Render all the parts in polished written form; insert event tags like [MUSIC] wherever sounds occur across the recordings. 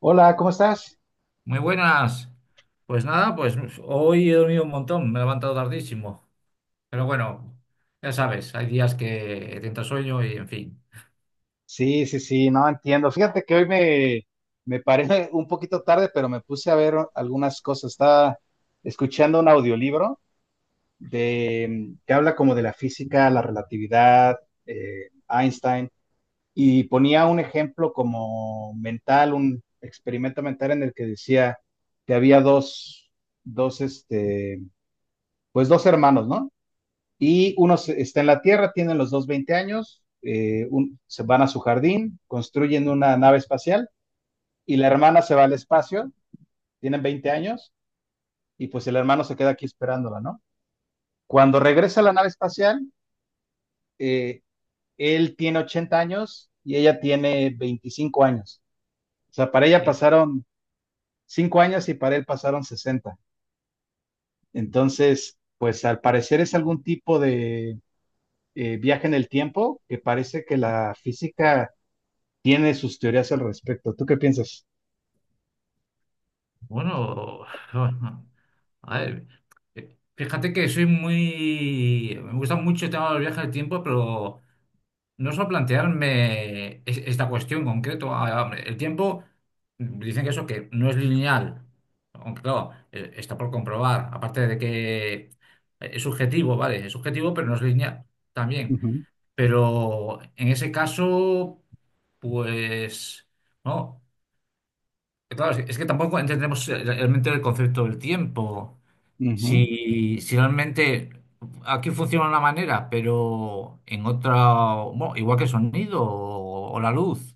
Hola, ¿cómo estás? Muy buenas. Pues nada, pues hoy he dormido un montón, me he levantado tardísimo. Pero bueno, ya sabes, hay días que te entra sueño y en fin. Sí, sí, sí, no entiendo. Fíjate que hoy me paré [LAUGHS] un poquito tarde, pero me puse a ver algunas cosas. Estaba escuchando un audiolibro que habla como de la física, la relatividad, Einstein, y ponía un ejemplo como mental, un experimento mental en el que decía que había dos, este, pues dos hermanos, ¿no? Y uno está en la Tierra, tienen los dos 20 años, se van a su jardín, construyen una nave espacial y la hermana se va al espacio, tienen 20 años y pues el hermano se queda aquí esperándola, ¿no? Cuando regresa a la nave espacial, eh, él tiene 80 años y ella tiene 25 años. O sea, para ella Y pasaron 5 años y para él pasaron 60. Entonces, pues al parecer es algún tipo de viaje en el tiempo que parece que la física tiene sus teorías al respecto. ¿Tú qué piensas? bueno, [SIGHS] [LAUGHS] a ver, fíjate que soy muy. Me gusta mucho el tema del viaje del tiempo, pero no solo plantearme esta cuestión en concreto. Ah, hombre, el tiempo, dicen que eso que no es lineal, aunque claro, está por comprobar, aparte de que es subjetivo, ¿vale? Es subjetivo, pero no es lineal también. Ujú, Pero en ese caso, pues, no, claro, es que tampoco entendemos realmente el concepto del tiempo. ujú. Si realmente aquí funciona de una manera, pero en otra, bueno, igual que el sonido o la luz,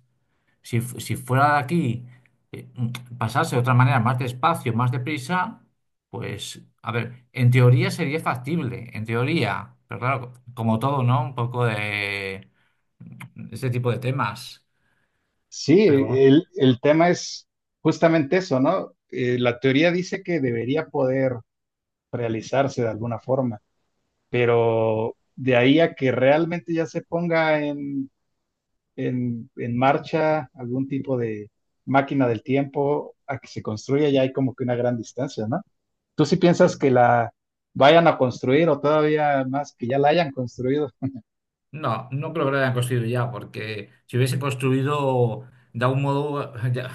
si, si fuera de aquí, pasase de otra manera, más despacio, más deprisa, pues, a ver, en teoría sería factible, en teoría, pero claro, como todo, ¿no? Un poco de ese tipo de temas, Sí, pero el tema es justamente eso, ¿no? La teoría dice que debería poder realizarse de alguna forma, pero de ahí a que realmente ya se ponga en marcha algún tipo de máquina del tiempo, a que se construya, ya hay como que una gran distancia, ¿no? ¿Tú sí piensas bueno. que la vayan a construir o todavía más que ya la hayan construido? No, no creo que lo hayan construido ya, porque si hubiese construido de algún modo, [LAUGHS] ya,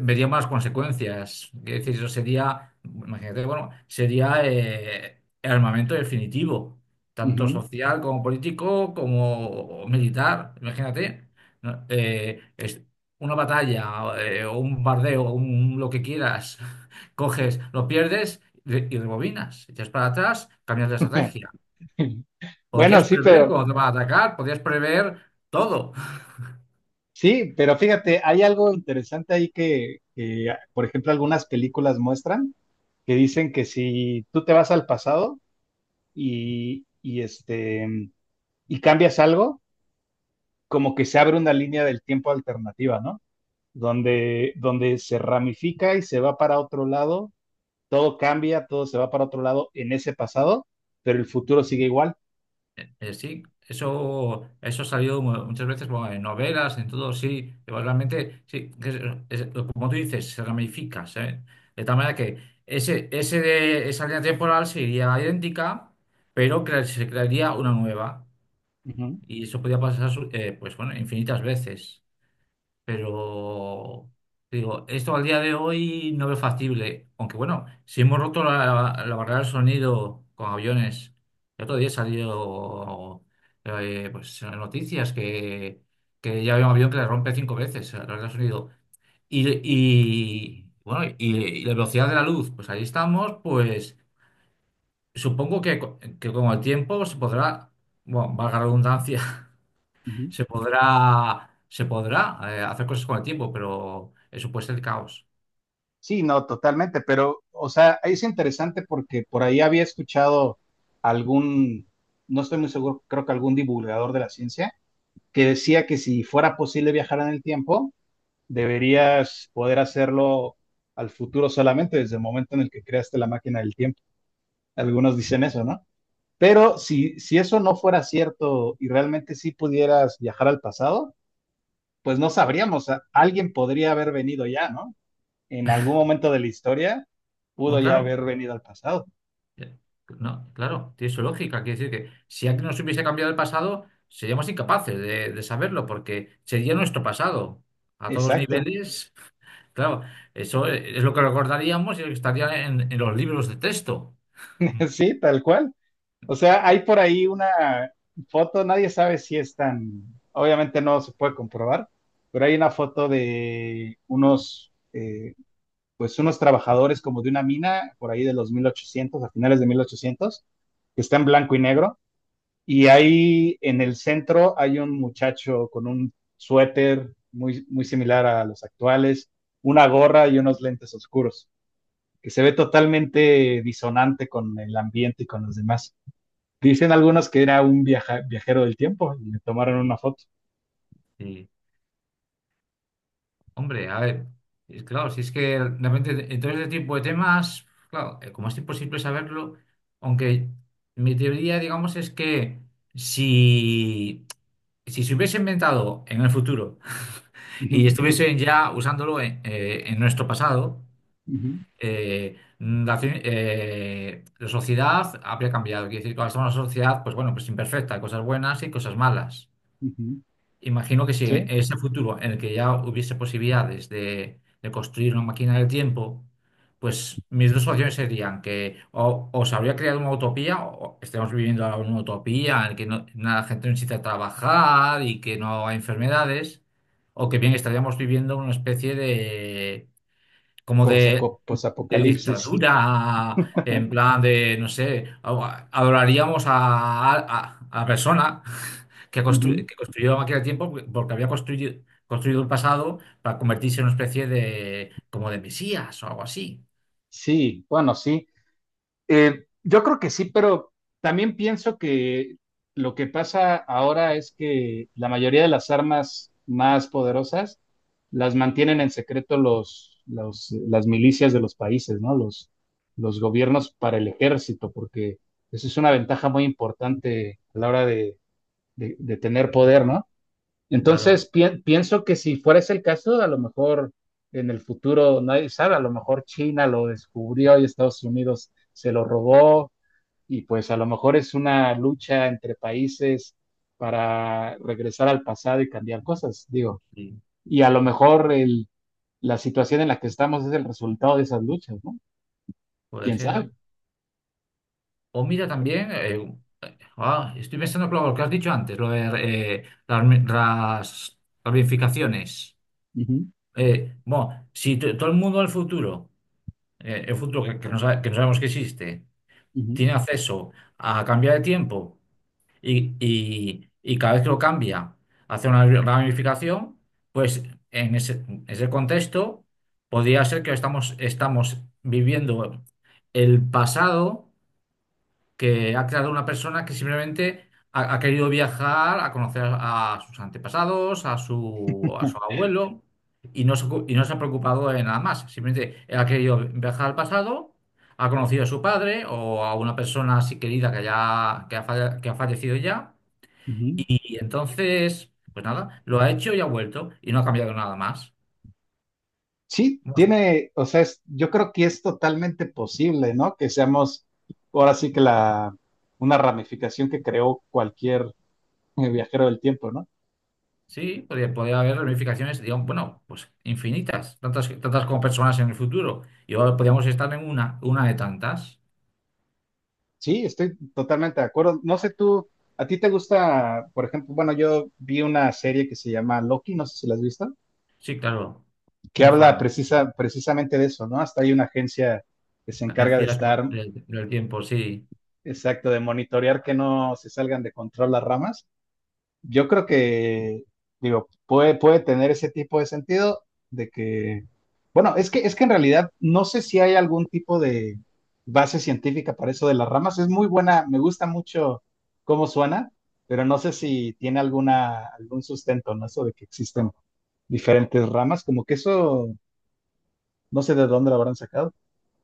veríamos las consecuencias. Quiero decir, eso sería, imagínate, bueno, sería el armamento definitivo, tanto Ujú. social como político como militar. Imagínate, ¿no? Es una batalla, o un bardeo, un, lo que quieras, [LAUGHS] coges, lo pierdes y rebobinas, echas para atrás, cambias de [LAUGHS] estrategia. [LAUGHS] Bueno, Podrías sí, prever pero cuando te va a atacar, podrías prever todo. sí, pero fíjate, hay algo interesante ahí que, por ejemplo, algunas películas muestran que dicen que si tú te vas al pasado y y cambias algo, como que se abre una línea del tiempo alternativa, ¿no? Donde se ramifica y se va para otro lado, todo cambia, todo se va para otro lado en ese pasado, pero el futuro sigue igual. Sí, eso ha salido muchas veces bueno, en novelas, en todo, sí. Igualmente, sí, que es- es- como tú dices, se ramifica, ¿sabes? De tal manera que esa línea temporal sería idéntica, pero se crearía una nueva. Ujú, Y eso podía pasar, pues bueno, infinitas veces. Pero digo, esto al día de hoy no veo factible. Aunque bueno, si hemos roto la barrera del sonido con aviones, el otro día salió pues, en las noticias que ya había un avión que le rompe cinco veces la barrera del sonido. Bueno, y la velocidad de la luz, pues ahí estamos, pues supongo que con el tiempo se podrá, bueno, valga la redundancia, ujú. Se podrá hacer cosas con el tiempo, pero eso puede ser caos. Sí, no, totalmente, pero, o sea, es interesante porque por ahí había escuchado algún, no estoy muy seguro, creo que algún divulgador de la ciencia, que decía que si fuera posible viajar en el tiempo, deberías poder hacerlo al futuro solamente desde el momento en el que creaste la máquina del tiempo. Algunos dicen eso, ¿no? Pero si eso no fuera cierto y realmente sí pudieras viajar al pasado, pues no sabríamos, alguien podría haber venido ya, ¿no? En algún momento de la historia pudo Bueno, ya claro, haber venido al pasado. eh, no, claro, tiene su lógica. Quiere decir que si antes nos hubiese cambiado el pasado, seríamos incapaces de saberlo, porque sería nuestro pasado. A todos los Exacto, niveles, claro, eso es lo que recordaríamos y lo que estaría en los libros de texto. [LAUGHS] sí, tal cual. O sea, hay por ahí una foto, nadie sabe si es tan, obviamente no se puede comprobar, pero hay una foto de pues unos trabajadores como de una mina por ahí de los 1800, a finales de 1800, que está en blanco y negro. Y ahí en el centro hay un muchacho con un suéter muy, muy similar a los actuales, una gorra y unos lentes oscuros, que se ve totalmente disonante con el ambiente y con los demás. Dicen algunos que era un viajero del tiempo y le tomaron una foto. Hombre, a ver, es claro, si es que realmente en todo este tipo de temas, claro, como es imposible saberlo, aunque mi teoría, digamos, es que si, si se hubiese inventado en el futuro [LAUGHS] y Ujú, estuviesen ya usándolo en nuestro pasado, ujú, la sociedad habría cambiado. Quiere decir, que ahora somos una sociedad, pues bueno, pues imperfecta, cosas buenas y cosas malas. ujú. Imagino que si en Sí, ese futuro en el que ya hubiese posibilidades de construir una máquina del tiempo, pues mis dos opciones serían que o se habría creado una utopía, o estemos viviendo ahora una utopía en la que la gente no necesita trabajar y que no hay enfermedades, o que bien estaríamos viviendo una especie de, como posaco- de posapocalipsis. dictadura, en [LAUGHS] plan de, no sé, adoraríamos a persona [LAUGHS] Ujú. que construyó la máquina del tiempo porque había construido el pasado para convertirse en una especie de, como de mesías o algo así. Sí, bueno, sí. Yo creo que sí, pero también pienso que lo que pasa ahora es que la mayoría de las armas más poderosas las mantienen en secreto las milicias de los países, ¿no? Los gobiernos para el ejército, porque esa es una ventaja muy importante a la hora de tener poder, ¿no? Entonces, Claro, pienso que si fuera ese el caso, a lo mejor en el futuro, nadie sabe, a lo mejor China lo descubrió y Estados Unidos se lo robó y pues a lo mejor es una lucha entre países para regresar al pasado y cambiar cosas, digo. sí, Y a lo mejor la situación en la que estamos es el resultado de esas luchas, ¿no? puede ¿Quién ser. sabe? O mira también, estoy pensando claro, lo que has dicho antes, lo de las ramificaciones. Ujú, Bueno, si todo el mundo del futuro, el futuro que no sabemos que existe, ujú, tiene acceso a cambiar de tiempo y cada vez que lo cambia hace una ramificación, pues en ese contexto podría ser que estamos viviendo el pasado que ha creado una persona que simplemente ha querido viajar a conocer a sus antepasados, a su [LAUGHS] abuelo, y no se ha preocupado de nada más. Simplemente él ha querido viajar al pasado, ha conocido a su padre o a una persona así querida que, ya, que, ha, falle- que ha fallecido ya, ujú. y entonces, pues nada, lo ha hecho y ha vuelto, y no ha cambiado nada más. Sí, tiene, o sea, yo creo que es totalmente posible, ¿no? Que seamos ahora sí que una ramificación que creó cualquier viajero del tiempo, ¿no? Sí, podría haber ramificaciones, digamos, bueno, pues infinitas, tantas, tantas como personas en el futuro. Y ahora podríamos estar en una de tantas. Sí, estoy totalmente de acuerdo. No sé tú, ¿a ti te gusta, por ejemplo, bueno, yo vi una serie que se llama Loki, no sé si la has visto, Sí, claro, que muy habla fan. Precisamente de eso, ¿no? Hasta hay una agencia que se La encarga de ciencia estar, del tiempo, sí. exacto, de monitorear que no se salgan de control las ramas. Yo creo que, digo, puede tener ese tipo de sentido de que, bueno, es que en realidad no sé si hay algún tipo de base científica para eso de las ramas. Es muy buena, me gusta mucho cómo suena, pero no sé si tiene algún sustento, ¿no? Eso de que existen diferentes ramas, como que eso, no sé de dónde lo habrán sacado.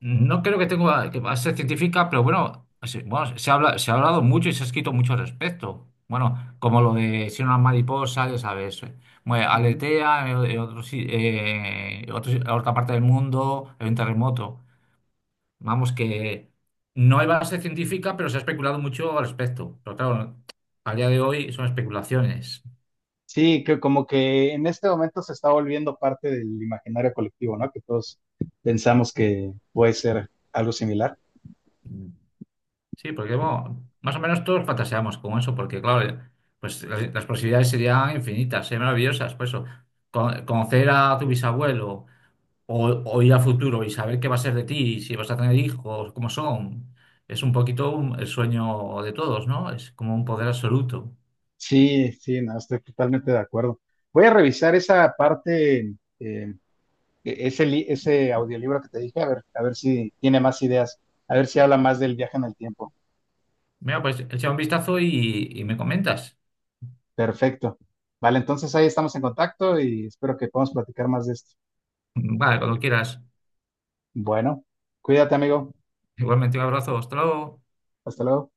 No creo que tenga que va a ser científica, pero bueno, bueno, se habla, se ha hablado mucho y se ha escrito mucho al respecto. Bueno, como lo de si una mariposa, ya sabes, aletea en otro si- en otra parte del mundo, en un terremoto. Vamos, que no hay base científica, pero se ha especulado mucho al respecto. Pero claro, a día de hoy son especulaciones. Sí, que como que en este momento se está volviendo parte del imaginario colectivo, ¿no? Que todos pensamos que puede ser algo similar. Sí, porque bueno, más o menos todos fantaseamos con eso, porque claro, pues las posibilidades serían infinitas, serían maravillosas. Por eso, conocer a tu bisabuelo o, o ir al futuro y saber qué va a ser de ti, si vas a tener hijos, cómo son, es un poquito el sueño de todos, ¿no? Es como un poder absoluto. Sí, sí, no, estoy totalmente de acuerdo. Voy a revisar esa parte, eh, ese audiolibro que te dije, a ver si tiene más ideas, a ver si habla más del viaje en el tiempo. Mira, pues echa un vistazo y me comentas. Perfecto. Vale, entonces ahí estamos en contacto y espero que podamos platicar más de esto. Vale, cuando quieras. Bueno, cuídate, amigo. Igualmente un abrazo, hasta luego. Hasta luego.